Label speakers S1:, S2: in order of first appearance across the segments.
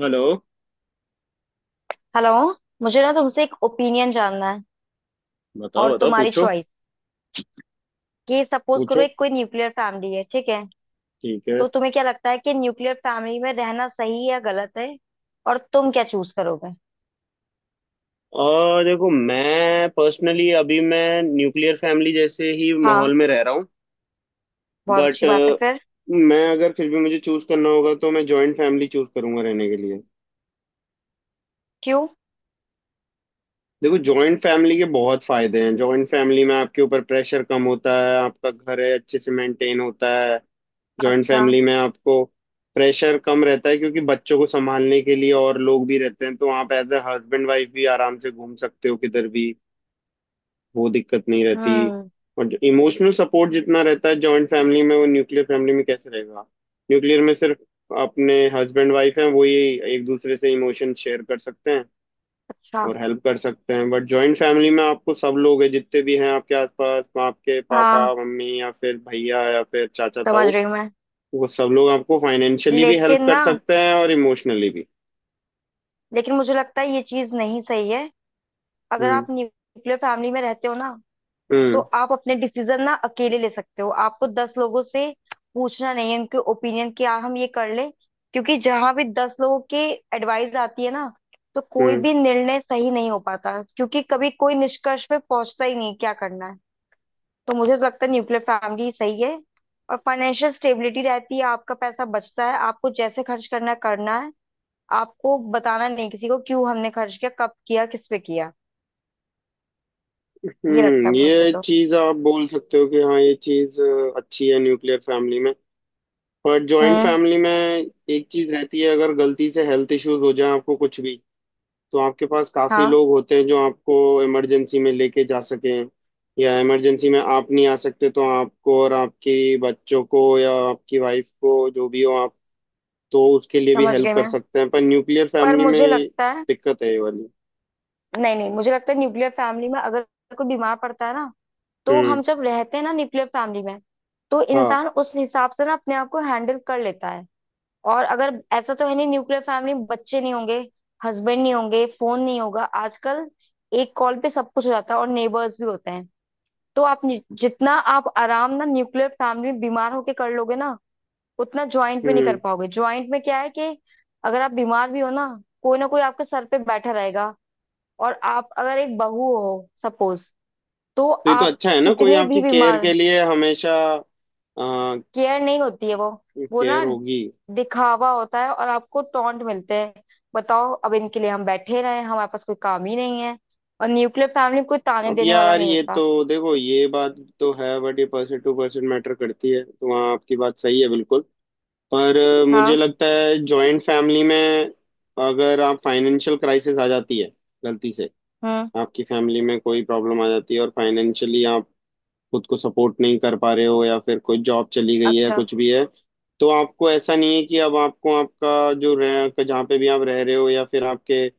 S1: Hello.
S2: Hello. मुझे ना तुमसे एक ओपिनियन जानना है
S1: बताओ
S2: और
S1: बताओ,
S2: तुम्हारी
S1: पूछो
S2: चॉइस। कि सपोज करो
S1: पूछो।
S2: एक कोई न्यूक्लियर फैमिली है, ठीक है।
S1: ठीक है।
S2: तो तुम्हें क्या लगता है कि न्यूक्लियर फैमिली में रहना सही या गलत है, और तुम क्या चूज करोगे?
S1: और देखो, मैं पर्सनली अभी मैं न्यूक्लियर फैमिली जैसे ही
S2: हाँ,
S1: माहौल में रह रहा हूँ।
S2: बहुत
S1: बट
S2: अच्छी बात है फिर।
S1: मैं अगर फिर भी मुझे चूज करना होगा तो मैं जॉइंट फैमिली चूज करूंगा रहने के लिए।
S2: क्यों?
S1: देखो, जॉइंट फैमिली के बहुत फायदे हैं। जॉइंट फैमिली में आपके ऊपर प्रेशर कम होता है, आपका घर है अच्छे से मेंटेन होता है। जॉइंट
S2: अच्छा।
S1: फैमिली में आपको प्रेशर कम रहता है, क्योंकि बच्चों को संभालने के लिए और लोग भी रहते हैं, तो आप एज ए हस्बैंड वाइफ भी आराम से घूम सकते हो किधर भी। वो दिक्कत नहीं रहती।
S2: हम्म।
S1: और इमोशनल सपोर्ट जितना रहता है जॉइंट फैमिली में, वो न्यूक्लियर फैमिली में कैसे रहेगा। न्यूक्लियर में सिर्फ अपने हस्बैंड वाइफ हैं, वही एक दूसरे से इमोशन शेयर कर सकते हैं
S2: अच्छा।
S1: और हेल्प कर सकते हैं। बट जॉइंट फैमिली में आपको सब लोग हैं जितने भी हैं आपके आसपास, आपके पापा
S2: हाँ,
S1: मम्मी या फिर भैया या फिर चाचा
S2: समझ
S1: ताऊ,
S2: रही हूँ मैं।
S1: वो सब लोग आपको फाइनेंशियली भी
S2: लेकिन
S1: हेल्प कर
S2: ना,
S1: सकते हैं और इमोशनली भी।
S2: लेकिन मुझे लगता है ये चीज नहीं सही है। अगर
S1: हम्म।
S2: आप न्यूक्लियर फैमिली में रहते हो ना, तो
S1: हम्म।
S2: आप अपने डिसीजन ना अकेले ले सकते हो। आपको दस लोगों से पूछना नहीं है उनके ओपिनियन क्या, हम ये कर लें। क्योंकि जहां भी दस लोगों की एडवाइस आती है ना, तो कोई
S1: हम्म।
S2: भी निर्णय सही नहीं हो पाता, क्योंकि कभी कोई निष्कर्ष पे पहुंचता ही नहीं क्या करना है। तो मुझे तो लगता है न्यूक्लियर फैमिली सही है। और फाइनेंशियल स्टेबिलिटी रहती है, आपका पैसा बचता है, आपको जैसे खर्च करना है करना है। आपको बताना नहीं किसी को क्यों हमने खर्च किया, कब किया, किस पे किया। ये लगता
S1: हम्म,
S2: है मुझे
S1: ये
S2: तो।
S1: चीज आप बोल सकते हो कि हाँ, ये चीज अच्छी है न्यूक्लियर फैमिली में। पर जॉइंट
S2: हम्म।
S1: फैमिली में एक चीज रहती है, अगर गलती से हेल्थ इश्यूज हो जाए आपको कुछ भी, तो आपके पास काफी
S2: हाँ,
S1: लोग होते हैं जो आपको इमरजेंसी में लेके जा सकें। या इमरजेंसी में आप नहीं आ सकते तो आपको और आपके बच्चों को या आपकी वाइफ को जो भी हो आप, तो उसके लिए भी
S2: समझ
S1: हेल्प
S2: गई
S1: कर
S2: मैं।
S1: सकते हैं। पर न्यूक्लियर
S2: पर
S1: फैमिली में
S2: मुझे
S1: ये
S2: लगता है,
S1: दिक्कत है ये वाली।
S2: नहीं नहीं, मुझे लगता है न्यूक्लियर फैमिली में अगर कोई बीमार पड़ता है ना, तो
S1: हम्म।
S2: हम जब रहते हैं ना न्यूक्लियर फैमिली में, तो
S1: हाँ।
S2: इंसान उस हिसाब से ना अपने आप को हैंडल कर लेता है। और अगर ऐसा तो है नहीं न्यूक्लियर फैमिली में बच्चे नहीं होंगे, हस्बैंड नहीं होंगे, फोन नहीं होगा आजकल। एक कॉल पे सब कुछ हो जाता है, और नेबर्स भी होते हैं। तो आप जितना आप आराम ना न्यूक्लियर फैमिली में बीमार होके कर लोगे ना, उतना ज्वाइंट में नहीं कर
S1: हम्म,
S2: पाओगे। ज्वाइंट में क्या है कि अगर आप बीमार भी हो ना, कोई ना कोई आपके सर पे बैठा रहेगा। और आप अगर एक बहू हो सपोज, तो
S1: तो ये तो
S2: आप
S1: अच्छा है ना, कोई
S2: कितने भी
S1: आपकी केयर
S2: बीमार,
S1: के लिए हमेशा।
S2: केयर नहीं होती है वो। वो
S1: केयर
S2: ना
S1: होगी।
S2: दिखावा होता है और आपको टॉन्ट मिलते हैं। बताओ, अब इनके लिए हम बैठे रहे, हमारे पास कोई काम ही नहीं है। और न्यूक्लियर फैमिली में कोई ताने
S1: अब
S2: देने वाला
S1: यार
S2: नहीं
S1: ये
S2: होता।
S1: तो देखो, ये बात तो है, बट ये परसेंट टू परसेंट मैटर करती है, तो वहाँ आपकी बात सही है बिल्कुल। पर मुझे
S2: हाँ।
S1: लगता है जॉइंट फैमिली में, अगर आप फाइनेंशियल क्राइसिस आ जाती है गलती से,
S2: हम्म।
S1: आपकी फैमिली में कोई प्रॉब्लम आ जाती है और फाइनेंशियली आप खुद को सपोर्ट नहीं कर पा रहे हो, या फिर कोई जॉब चली गई है या
S2: अच्छा।
S1: कुछ भी है, तो आपको ऐसा नहीं है कि अब आपको आपका जो रह जहाँ पे भी आप रह रहे हो, या फिर आपके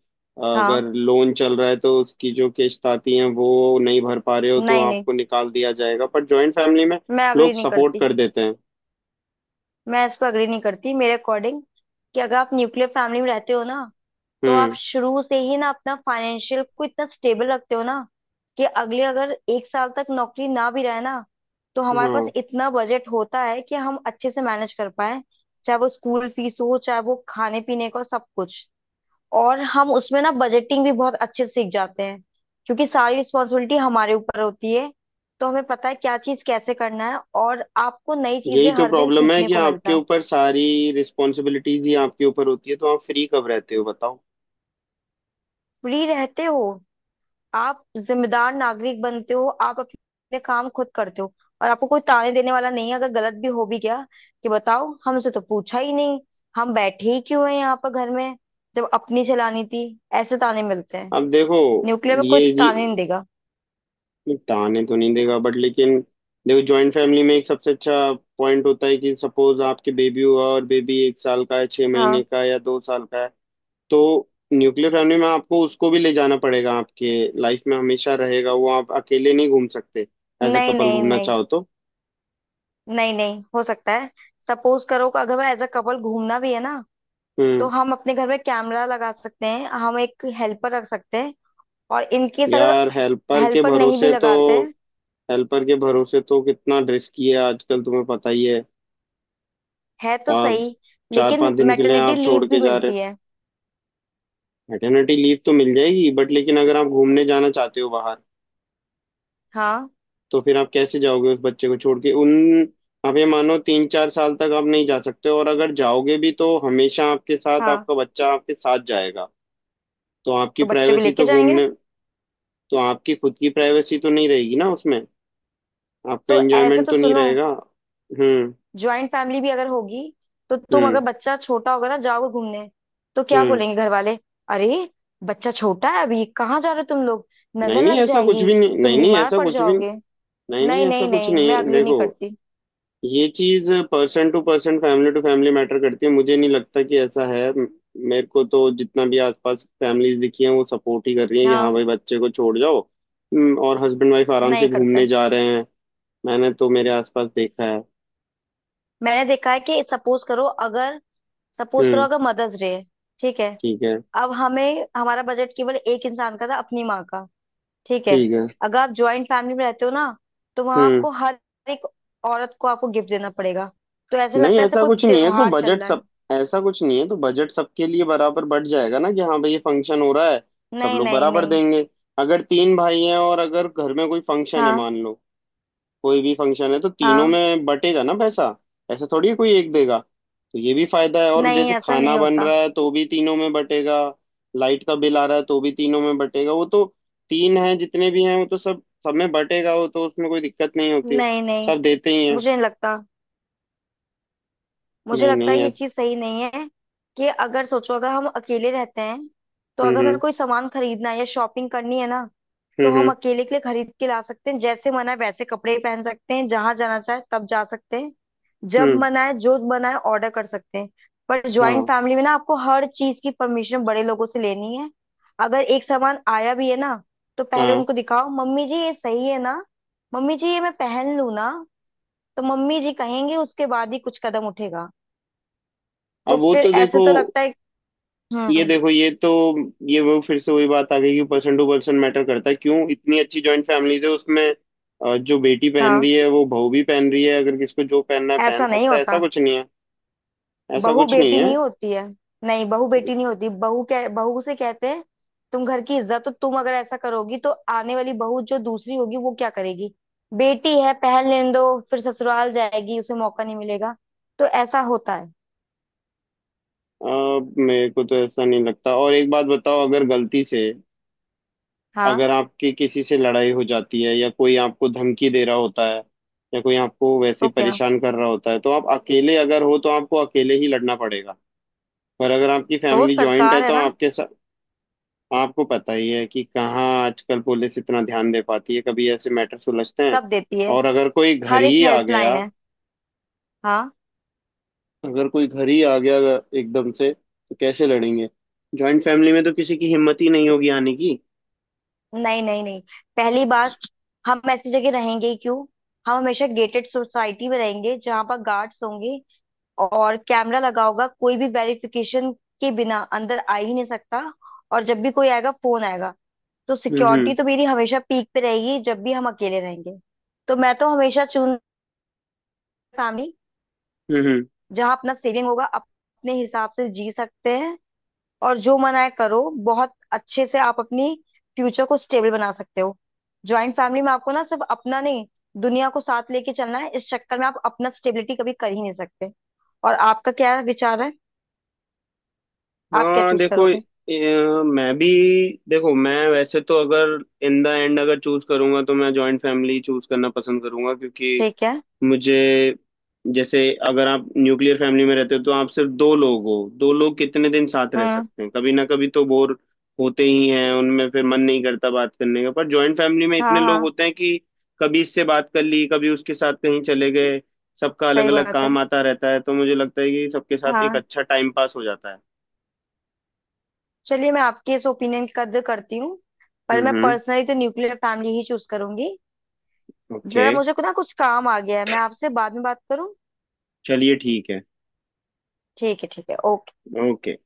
S1: अगर
S2: हाँ।
S1: लोन चल रहा है तो उसकी जो किस्त आती है वो नहीं भर पा रहे हो, तो
S2: नहीं नहीं,
S1: आपको निकाल दिया जाएगा। पर जॉइंट फैमिली में
S2: मैं
S1: लोग
S2: अग्री नहीं
S1: सपोर्ट
S2: करती।
S1: कर देते हैं।
S2: मैं इस पर अग्री नहीं करती मेरे अकॉर्डिंग। कि अगर आप न्यूक्लियर फैमिली में रहते हो ना, तो आप
S1: हम्म।
S2: शुरू से ही ना अपना फाइनेंशियल को इतना स्टेबल रखते हो ना, कि अगले अगर एक साल तक नौकरी ना भी रहे ना, तो हमारे पास
S1: हाँ।
S2: इतना बजट होता है कि हम अच्छे से मैनेज कर पाए। चाहे वो स्कूल फीस हो, चाहे वो खाने पीने का, सब कुछ। और हम उसमें ना बजटिंग भी बहुत अच्छे से सीख जाते हैं, क्योंकि सारी रिस्पॉन्सिबिलिटी हमारे ऊपर होती है। तो हमें पता है क्या चीज कैसे करना है, और आपको नई
S1: यही
S2: चीजें
S1: तो
S2: हर दिन
S1: प्रॉब्लम है
S2: सीखने
S1: कि
S2: को मिलता
S1: आपके
S2: है।
S1: ऊपर सारी रिस्पॉन्सिबिलिटीज ही आपके ऊपर होती है, तो आप फ्री कब रहते हो बताओ।
S2: फ्री रहते हो, आप जिम्मेदार नागरिक बनते हो, आप अपने काम खुद करते हो। और आपको कोई ताने देने वाला नहीं है अगर गलत भी हो भी गया, कि बताओ हमसे तो पूछा ही नहीं, हम बैठे ही क्यों हैं यहाँ पर घर में, जब अपनी चलानी थी। ऐसे ताने मिलते हैं।
S1: अब देखो,
S2: न्यूक्लियर में कोई
S1: ये जी,
S2: ताने नहीं देगा।
S1: नहीं ताने तो नहीं देगा बट लेकिन, देखो जॉइंट फैमिली में एक सबसे अच्छा पॉइंट होता है कि सपोज आपके बेबी हुआ, और बेबी 1 साल का है, छह महीने
S2: हाँ।
S1: का है या 2 साल का है, तो न्यूक्लियर फैमिली में आपको उसको भी ले जाना पड़ेगा। आपके लाइफ में हमेशा रहेगा वो, आप अकेले नहीं घूम सकते एज अ
S2: नहीं
S1: कपल
S2: नहीं
S1: घूमना
S2: नहीं,
S1: चाहो तो।
S2: नहीं नहीं, हो सकता है। सपोज करो कि अगर मैं एज अ कपल घूमना भी है ना, तो
S1: हम्म।
S2: हम अपने घर में कैमरा लगा सकते हैं, हम एक हेल्पर रख सकते हैं। और इनकेस अगर
S1: यार हेल्पर के
S2: हेल्पर नहीं भी
S1: भरोसे तो,
S2: लगाते,
S1: हेल्पर के भरोसे तो कितना रिस्की है आजकल तुम्हें पता ही है।
S2: है तो
S1: आप
S2: सही।
S1: चार
S2: लेकिन
S1: पांच दिन के लिए
S2: मैटरनिटी
S1: आप
S2: लीव
S1: छोड़ के
S2: भी
S1: जा रहे हो।
S2: मिलती है।
S1: मैटरनिटी लीव तो मिल जाएगी, बट लेकिन अगर आप घूमने जाना चाहते हो बाहर,
S2: हाँ।
S1: तो फिर आप कैसे जाओगे उस बच्चे को छोड़ के उन। आप ये मानो 3-4 साल तक आप नहीं जा सकते, और अगर जाओगे भी तो हमेशा आपके साथ
S2: हाँ,
S1: आपका बच्चा आपके साथ जाएगा। तो आपकी
S2: तो बच्चे को
S1: प्राइवेसी
S2: लेके
S1: तो
S2: जाएंगे।
S1: घूमने, तो आपकी खुद की प्राइवेसी तो नहीं रहेगी ना उसमें। आपका
S2: तो ऐसे
S1: एंजॉयमेंट
S2: तो
S1: तो नहीं
S2: सुनो,
S1: रहेगा। हम्म।
S2: ज्वाइंट फैमिली भी अगर होगी, तो तुम अगर
S1: हम्म।
S2: बच्चा छोटा होगा ना, जाओगे घूमने, तो क्या
S1: हम्म।
S2: बोलेंगे घर वाले? अरे, बच्चा छोटा है अभी, कहाँ जा रहे हो तुम लोग?
S1: नहीं
S2: नजर
S1: नहीं,
S2: लग
S1: ऐसा कुछ
S2: जाएगी,
S1: भी नहीं, नहीं
S2: तुम
S1: नहीं,
S2: बीमार
S1: ऐसा
S2: पड़
S1: कुछ भी नहीं।
S2: जाओगे।
S1: नहीं नहीं,
S2: नहीं
S1: ऐसा
S2: नहीं
S1: कुछ
S2: नहीं, मैं
S1: नहीं है,
S2: अग्री नहीं
S1: देखो।
S2: करती।
S1: ये चीज person to person, family to family matter करती है, मुझे नहीं लगता कि ऐसा है। मेरे को तो जितना भी आसपास फैमिलीज दिखी हैं, वो सपोर्ट ही कर रही हैं कि हाँ
S2: हाँ,
S1: भाई, बच्चे को छोड़ जाओ। और हस्बैंड वाइफ आराम से
S2: नहीं करते।
S1: घूमने जा रहे हैं। मैंने तो मेरे आसपास देखा है।
S2: मैंने देखा है कि सपोज करो अगर, सपोज करो
S1: हम्म।
S2: अगर मदर्स डे है, ठीक है।
S1: ठीक है।
S2: अब हमें हमारा बजट केवल एक इंसान का था, अपनी माँ का। ठीक है।
S1: ठीक है।
S2: अगर आप ज्वाइंट फैमिली में रहते हो ना, तो वहां
S1: हम्म।
S2: आपको हर एक औरत को आपको गिफ्ट देना पड़ेगा। तो ऐसे
S1: नहीं
S2: लगता है ऐसा
S1: ऐसा
S2: कोई
S1: कुछ नहीं है तो
S2: त्योहार चल
S1: बजट
S2: रहा है।
S1: सब, ऐसा कुछ नहीं है तो बजट सबके लिए बराबर बढ़ जाएगा ना, कि हाँ भाई ये फंक्शन हो रहा है, सब
S2: नहीं
S1: लोग
S2: नहीं
S1: बराबर
S2: नहीं।
S1: देंगे। अगर तीन भाई हैं और अगर घर में कोई फंक्शन है
S2: हाँ
S1: मान लो, कोई भी फंक्शन है, तो तीनों
S2: हाँ।
S1: में बटेगा ना पैसा। ऐसा थोड़ी है कोई एक देगा। तो ये भी फायदा है। और
S2: नहीं,
S1: जैसे
S2: ऐसा
S1: खाना
S2: नहीं
S1: बन
S2: होता।
S1: रहा है तो भी तीनों में बटेगा, लाइट का बिल आ रहा है तो भी तीनों में बटेगा। वो तो तीन है जितने भी हैं वो तो सब, सब में बटेगा। वो तो उसमें कोई दिक्कत नहीं होती,
S2: नहीं नहीं,
S1: सब देते ही हैं।
S2: मुझे नहीं लगता। मुझे
S1: नहीं
S2: लगता
S1: नहीं
S2: है ये चीज सही नहीं है। कि अगर सोचो, अगर हम अकेले रहते हैं, तो
S1: हम्म।
S2: अगर हमें
S1: हम्म।
S2: कोई सामान खरीदना है या शॉपिंग करनी है ना, तो हम
S1: हम्म।
S2: अकेले के लिए खरीद के ला सकते हैं, जैसे मन है वैसे कपड़े पहन सकते हैं, जहां जाना चाहे तब जा सकते हैं,
S1: हम्म।
S2: जब
S1: हम्म।
S2: मन आए जो मन आए ऑर्डर कर सकते हैं। पर ज्वाइंट
S1: हाँ
S2: फैमिली में ना आपको हर चीज की परमिशन बड़े लोगों से लेनी है। अगर एक सामान आया भी है ना, तो पहले
S1: हाँ।
S2: उनको दिखाओ, मम्मी जी ये सही है ना, मम्मी जी ये मैं पहन लूं ना, तो मम्मी जी कहेंगे उसके बाद ही कुछ कदम उठेगा। तो
S1: अब वो
S2: फिर
S1: तो
S2: ऐसे
S1: देखो,
S2: तो लगता है।
S1: ये
S2: हम्म।
S1: देखो, ये तो ये वो फिर से वही बात आ गई कि पर्सन टू पर्सन मैटर करता है। क्यों इतनी अच्छी जॉइंट फैमिलीज है उसमें। जो बेटी पहन
S2: हाँ।
S1: रही है वो बहू भी पहन रही है। अगर किसको जो पहनना है पहन
S2: ऐसा नहीं
S1: सकता है, ऐसा
S2: होता।
S1: कुछ नहीं है। ऐसा
S2: बहू
S1: कुछ नहीं
S2: बेटी
S1: है।
S2: नहीं होती है। नहीं, बहू बेटी नहीं होती, बहू, क्या बहू से कहते हैं, तुम घर की इज्जत, तो तुम अगर ऐसा करोगी तो आने वाली बहू जो दूसरी होगी वो क्या करेगी? बेटी है, पहल लेने दो, फिर ससुराल जाएगी उसे मौका नहीं मिलेगा। तो ऐसा होता है।
S1: अ, मेरे को तो ऐसा नहीं लगता। और एक बात बताओ, अगर गलती से अगर
S2: हाँ।
S1: आपकी किसी से लड़ाई हो जाती है, या कोई आपको धमकी दे रहा होता है, या कोई आपको वैसे
S2: तो
S1: ही
S2: क्या,
S1: परेशान कर रहा होता है, तो आप अकेले अगर हो तो आपको अकेले ही लड़ना पड़ेगा। पर अगर आपकी
S2: तो
S1: फैमिली जॉइंट है
S2: सरकार है
S1: तो
S2: ना,
S1: आपके आपको पता ही है कि कहाँ आजकल पुलिस इतना ध्यान दे पाती है, कभी ऐसे मैटर सुलझते हैं।
S2: सब देती है,
S1: और अगर कोई घर
S2: हर एक
S1: ही आ
S2: हेल्पलाइन
S1: गया,
S2: है। हाँ।
S1: अगर कोई घर ही आ गया एकदम से, तो कैसे लड़ेंगे। जॉइंट फैमिली में तो किसी की हिम्मत ही नहीं होगी आने की।
S2: नहीं नहीं नहीं, पहली बात, हम ऐसी जगह रहेंगे ही क्यों? हम हमेशा गेटेड सोसाइटी में रहेंगे, जहां पर गार्ड्स होंगे और कैमरा लगा होगा, कोई भी वेरिफिकेशन के बिना अंदर आ ही नहीं सकता। और जब भी कोई आएगा, फोन आएगा, तो सिक्योरिटी
S1: हम्म।
S2: तो मेरी हमेशा पीक पे रहेगी जब भी हम अकेले रहेंगे। तो मैं तो हमेशा चुन, फैमिली,
S1: हम्म। हम्म।
S2: जहाँ अपना सेविंग होगा, अपने हिसाब से जी सकते हैं, और जो मन आए करो। बहुत अच्छे से आप अपनी फ्यूचर को स्टेबल बना सकते हो। ज्वाइंट फैमिली में आपको ना सिर्फ अपना नहीं, दुनिया को साथ लेके चलना है, इस चक्कर में आप अपना स्टेबिलिटी कभी कर ही नहीं सकते। और आपका क्या विचार है, आप क्या
S1: हाँ
S2: चूज
S1: देखो,
S2: करोगे?
S1: मैं भी, देखो मैं वैसे तो अगर इन द एंड अगर चूज करूंगा तो मैं जॉइंट फैमिली चूज करना पसंद करूंगा, क्योंकि
S2: ठीक है।
S1: मुझे जैसे, अगर आप न्यूक्लियर फैमिली में रहते हो तो आप सिर्फ दो लोग हो। दो लोग कितने दिन साथ रह
S2: हम्म।
S1: सकते हैं, कभी ना कभी तो बोर होते ही हैं उनमें, फिर मन नहीं करता बात करने का। पर जॉइंट फैमिली में इतने
S2: हाँ
S1: लोग
S2: हाँ,
S1: होते हैं कि कभी इससे बात कर ली, कभी उसके साथ कहीं चले गए, सबका अलग
S2: सही
S1: अलग
S2: बात है।
S1: काम आता रहता है, तो मुझे लगता है कि सबके साथ एक
S2: हाँ,
S1: अच्छा टाइम पास हो जाता है।
S2: चलिए, मैं आपके इस ओपिनियन की कद्र करती हूँ, पर मैं
S1: हम्म।
S2: पर्सनली तो न्यूक्लियर फैमिली ही चूज करूंगी।
S1: ओके।
S2: जरा मुझे ना कुछ काम आ गया है, मैं आपसे बाद में बात करूँ।
S1: चलिए ठीक है।
S2: ठीक है ठीक है, ओके।
S1: ओके।